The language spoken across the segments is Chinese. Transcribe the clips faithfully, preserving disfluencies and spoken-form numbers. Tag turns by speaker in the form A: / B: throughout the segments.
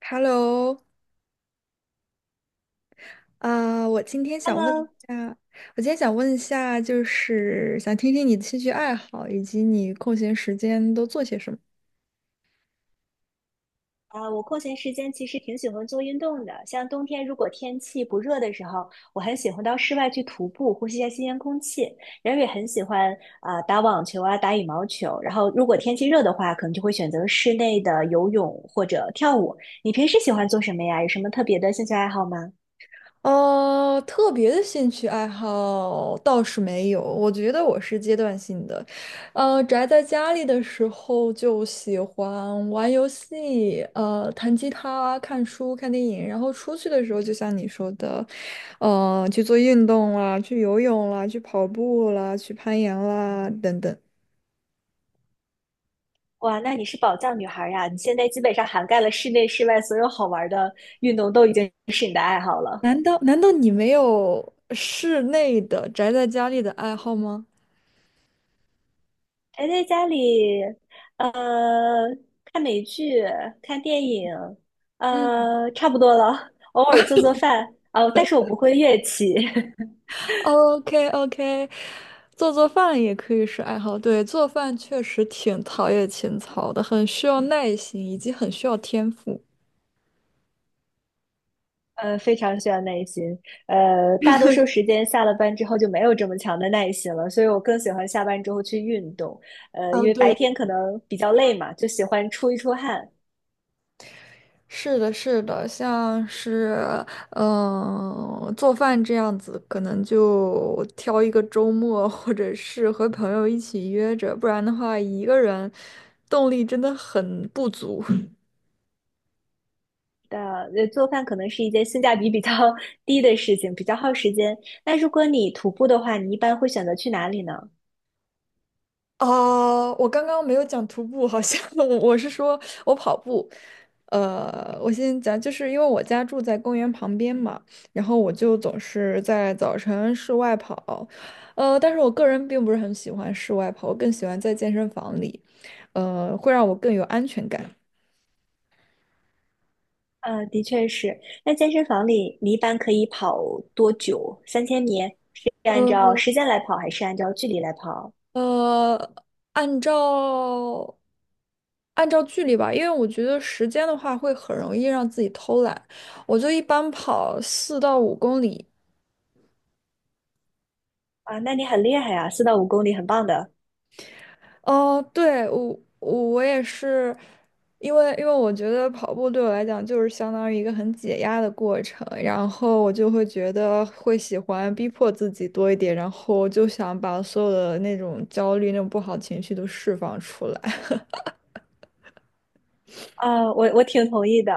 A: Hello，啊我今天想问一
B: Hello，
A: 下，我今天想问一下，就是想听听你的兴趣爱好，以及你空闲时间都做些什么。
B: 呃，我空闲时间其实挺喜欢做运动的。像冬天如果天气不热的时候，我很喜欢到室外去徒步，呼吸一下新鲜空气。然后也很喜欢啊、呃打网球啊，打羽毛球。然后如果天气热的话，可能就会选择室内的游泳或者跳舞。你平时喜欢做什么呀？有什么特别的兴趣爱好吗？
A: 呃，特别的兴趣爱好倒是没有，我觉得我是阶段性的。呃，宅在家里的时候就喜欢玩游戏，呃，弹吉他、看书、看电影，然后出去的时候，就像你说的，呃，去做运动啦，去游泳啦，去跑步啦，去攀岩啦，等等。
B: 哇，那你是宝藏女孩儿呀！你现在基本上涵盖了室内、室外所有好玩儿的运动，都已经是你的爱好了。
A: 难道难道你没有室内的宅在家里的爱好吗？
B: 宅在家里，呃，看美剧、看电影，
A: 嗯。
B: 呃，差不多了。偶尔做做饭，哦，但是我不会乐器，
A: OK OK，做做饭也可以是爱好。对，做饭确实挺陶冶情操的，很需要耐心，以及很需要天赋。
B: 呃，非常需要耐心。呃，大多数时间下了班之后就没有这么强的耐心了，所以我更喜欢下班之后去运动。呃，
A: 啊，
B: 因为
A: 对，
B: 白天可能比较累嘛，就喜欢出一出汗。
A: 是的，是的，像是嗯，呃做饭这样子，可能就挑一个周末，或者是和朋友一起约着，不然的话，一个人动力真的很不足。
B: 的，呃，做饭可能是一件性价比比较 低的事情，比较耗时间。那如果你徒步的话，你一般会选择去哪里呢？
A: 哦，我刚刚没有讲徒步，好像 我我是说我跑步。呃，我先讲，就是因为我家住在公园旁边嘛，然后我就总是在早晨室外跑。呃，但是我个人并不是很喜欢室外跑，我更喜欢在健身房里，呃，会让我更有安全感。
B: 呃，的确是。那健身房里，你一般可以跑多久？三千米是按照
A: 呃
B: 时间来跑，还是按照距离来跑？
A: 呃，按照按照距离吧，因为我觉得时间的话会很容易让自己偷懒，我就一般跑四到五公里。
B: 啊，那你很厉害啊，四到五公里，很棒的。
A: 哦，对，我我我也是，因为因为我觉得跑步对我来讲就是相当于一个很解压的过程，然后我就会觉得会喜欢逼迫自己多一点，然后就想把所有的那种焦虑、那种不好情绪都释放出来。
B: 啊，我我挺同意的。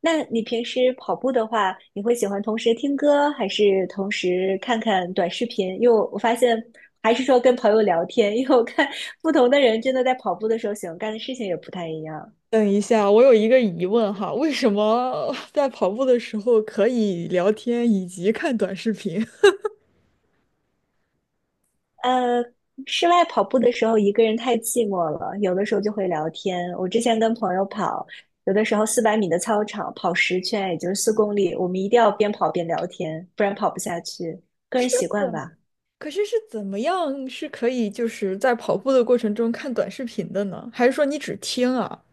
B: 那你平时跑步的话，你会喜欢同时听歌，还是同时看看短视频？因为我我发现，还是说跟朋友聊天，因为我看不同的人真的在跑步的时候喜欢干的事情也不太一样。
A: 等一下，我有一个疑问哈，为什么在跑步的时候可以聊天以及看短视频？
B: 呃，室外跑步的时候一个人太寂寞了，有的时候就会聊天。我之前跟朋友跑，有的时候四百米的操场跑十圈，也就是四公里，我们一定要边跑边聊天，不然跑不下去。个
A: 是
B: 人习惯
A: 怎？
B: 吧，
A: 可是是怎么样是可以就是在跑步的过程中看短视频的呢？还是说你只听啊？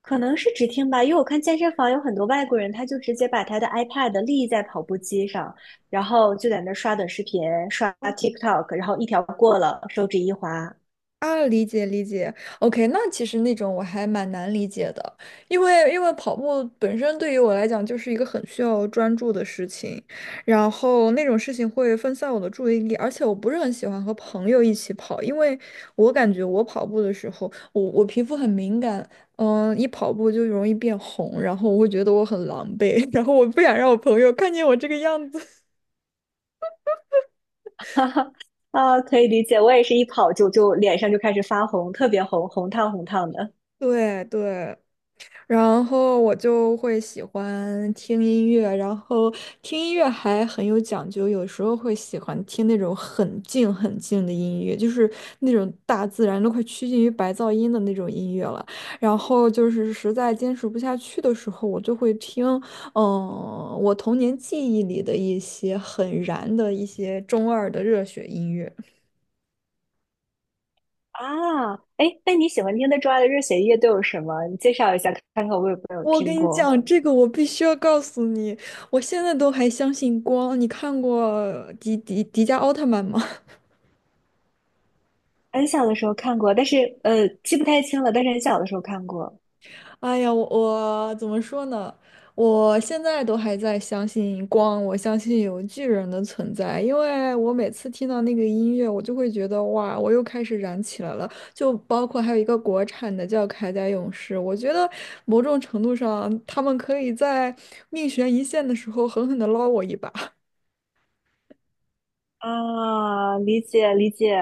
B: 可能是只听吧，因为我看健身房有很多外国人，他就直接把他的 iPad 立在跑步机上，然后就在那儿刷短视频、刷 TikTok，然后一条过了，手指一滑，
A: 啊，理解理解，OK，那其实那种我还蛮难理解的，因为因为跑步本身对于我来讲就是一个很需要专注的事情，然后那种事情会分散我的注意力，而且我不是很喜欢和朋友一起跑，因为我感觉我跑步的时候，我我皮肤很敏感，嗯，一跑步就容易变红，然后我会觉得我很狼狈，然后我不想让我朋友看见我这个样子。
B: 哈哈啊，可以理解，我也是一跑就就脸上就开始发红，特别红，红烫红烫的。
A: 对对，然后我就会喜欢听音乐，然后听音乐还很有讲究，有时候会喜欢听那种很静很静的音乐，就是那种大自然都快趋近于白噪音的那种音乐了。然后就是实在坚持不下去的时候，我就会听，嗯，我童年记忆里的一些很燃的一些中二的热血音乐。
B: 啊，哎，那你喜欢听的之外的热血乐都有什么？你介绍一下，看看我有没有
A: 我
B: 听
A: 跟你
B: 过。
A: 讲，这个我必须要告诉你，我现在都还相信光。你看过迪迪迪迦奥特曼吗？
B: 很小的时候看过，但是呃记不太清了，但是很小的时候看过。
A: 哎呀，我我怎么说呢？我现在都还在相信光，我相信有巨人的存在，因为我每次听到那个音乐，我就会觉得哇，我又开始燃起来了。就包括还有一个国产的叫《铠甲勇士》，我觉得某种程度上，他们可以在命悬一线的时候狠狠地捞我一把。
B: 啊，理解理解。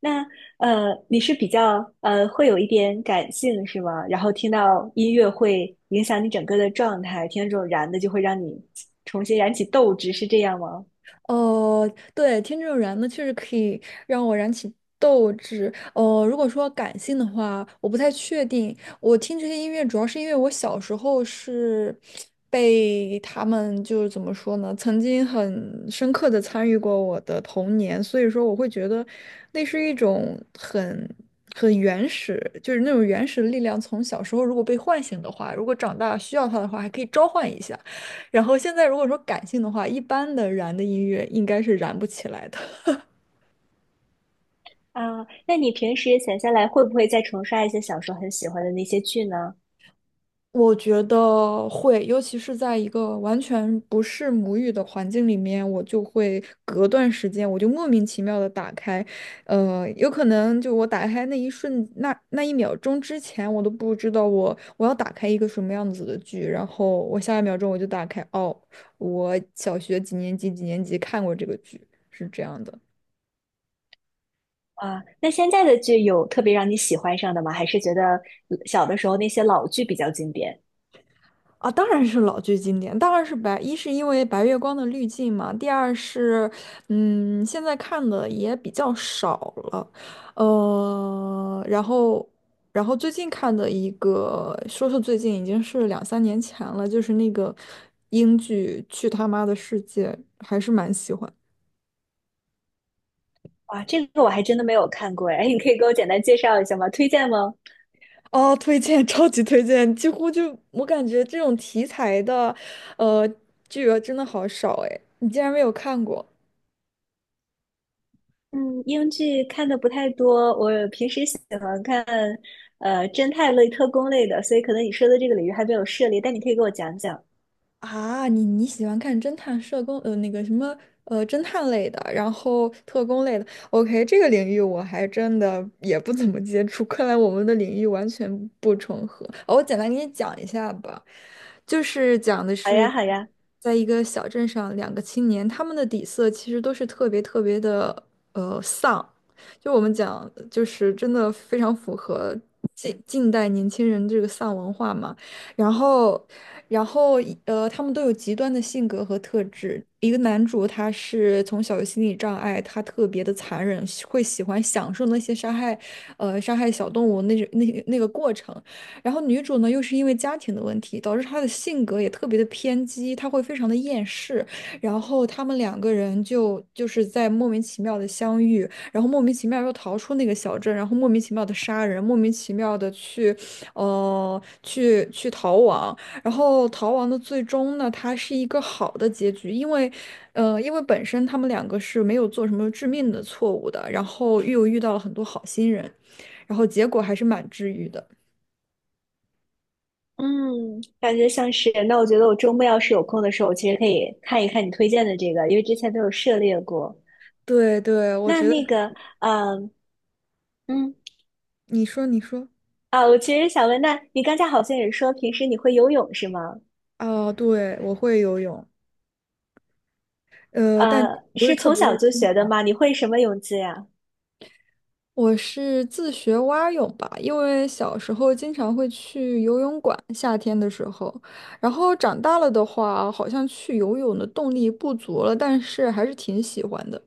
B: 那呃，你是比较呃会有一点感性是吗？然后听到音乐会影响你整个的状态，听到这种燃的就会让你重新燃起斗志，是这样吗？
A: 哦，对，听这种燃呢，确实可以让我燃起斗志。哦，如果说感性的话，我不太确定。我听这些音乐，主要是因为我小时候是被他们就是怎么说呢，曾经很深刻的参与过我的童年，所以说我会觉得那是一种很很原始，就是那种原始的力量。从小时候如果被唤醒的话，如果长大需要它的话，还可以召唤一下。然后现在如果说感性的话，一般的燃的音乐应该是燃不起来的。
B: 啊，那你平时闲下来会不会再重刷一些小时候很喜欢的那些剧呢？
A: 我觉得会，尤其是在一个完全不是母语的环境里面，我就会隔段时间，我就莫名其妙的打开，呃，有可能就我打开那一瞬，那那一秒钟之前，我都不知道我我要打开一个什么样子的剧，然后我下一秒钟我就打开，哦，我小学几年级几年级看过这个剧，是这样的。
B: 啊，那现在的剧有特别让你喜欢上的吗？还是觉得呃小的时候那些老剧比较经典？
A: 啊，当然是老剧经典，当然是白，一是因为白月光的滤镜嘛，第二是，嗯，现在看的也比较少了，呃，然后，然后最近看的一个，说是最近已经是两三年前了，就是那个英剧《去他妈的世界》，还是蛮喜欢。
B: 哇，这个我还真的没有看过哎，你可以给我简单介绍一下吗？推荐吗？
A: 哦，推荐，超级推荐，几乎就我感觉这种题材的，呃，剧啊真的好少哎，你竟然没有看过。
B: 嗯，英剧看的不太多，我平时喜欢看呃侦探类、特工类的，所以可能你说的这个领域还没有涉猎，但你可以给我讲讲。
A: 啊，你你喜欢看侦探、社工，呃，那个什么，呃，侦探类的，然后特工类的。OK，这个领域我还真的也不怎么接触，看来我们的领域完全不重合。哦，我简单给你讲一下吧，就是讲的
B: 好呀，
A: 是，
B: 好呀。
A: 在一个小镇上，两个青年，他们的底色其实都是特别特别的，呃，丧。就我们讲，就是真的非常符合近近代年轻人这个丧文化嘛。然后，然后呃，他们都有极端的性格和特质。一个男主他是从小有心理障碍，他特别的残忍，喜会喜欢享受那些杀害，呃，杀害小动物那种那那个过程。然后女主呢，又是因为家庭的问题，导致她的性格也特别的偏激，她会非常的厌世。然后他们两个人就就是在莫名其妙的相遇，然后莫名其妙又逃出那个小镇，然后莫名其妙的杀人，莫名其妙的去。呃，去去逃亡，然后逃亡的最终呢，它是一个好的结局，因为，呃，因为本身他们两个是没有做什么致命的错误的，然后又遇到了很多好心人，然后结果还是蛮治愈的。
B: 嗯，感觉像是。那我觉得我周末要是有空的时候，我其实可以看一看你推荐的这个，因为之前都有涉猎过。
A: 对对，我
B: 那
A: 觉
B: 那
A: 得
B: 个，嗯嗯
A: 你说你说，
B: 啊，我其实想问，那你刚才好像也说平时你会游泳是吗？
A: 啊，对，我会游泳，呃，但
B: 呃，
A: 不是
B: 是
A: 特
B: 从
A: 别
B: 小
A: 的
B: 就
A: 清
B: 学
A: 楚。
B: 的吗？你会什么泳姿呀？
A: 我是自学蛙泳吧，因为小时候经常会去游泳馆，夏天的时候，然后长大了的话，好像去游泳的动力不足了，但是还是挺喜欢的。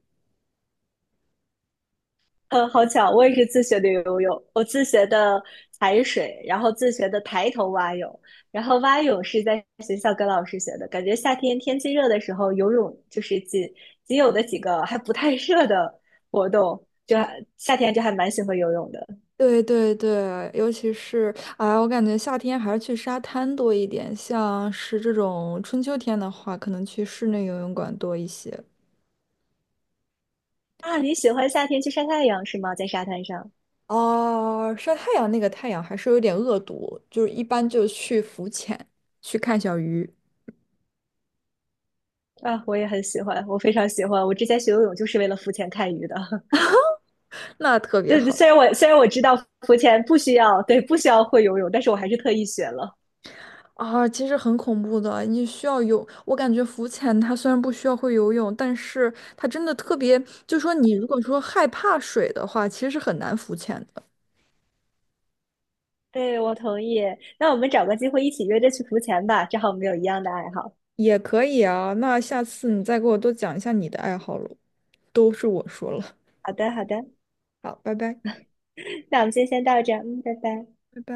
B: 呃，好巧，我也是自学的游泳，我自学的踩水，然后自学的抬头蛙泳，然后蛙泳是在学校跟老师学的。感觉夏天天气热的时候，游泳就是仅仅有的几个还不太热的活动，就还夏天就还蛮喜欢游泳的
A: 对对对，尤其是哎，我感觉夏天还是去沙滩多一点，像是这种春秋天的话，可能去室内游泳馆多一些。
B: 啊。你喜欢夏天去晒太阳是吗？在沙滩上
A: 哦，晒太阳那个太阳还是有点恶毒，就是一般就去浮潜，去看小鱼，
B: 啊，我也很喜欢，我非常喜欢。我之前学游泳就是为了浮潜看鱼的。
A: 那特别
B: 对，
A: 好。
B: 虽然我虽然我知道浮潜不需要，对，不需要会游泳，但是我还是特意学了。
A: 啊，其实很恐怖的，你需要有，我感觉浮潜它虽然不需要会游泳，但是它真的特别，就说你如果说害怕水的话，其实是很难浮潜的。
B: 对，我同意。那我们找个机会一起约着去浮潜吧，正好我们有一样的爱好。
A: 也可以啊，那下次你再给我多讲一下你的爱好喽，都是我说了。
B: 好的，好的，
A: 好，拜拜，
B: 那我们今天先到这儿嗯，拜拜。
A: 拜拜。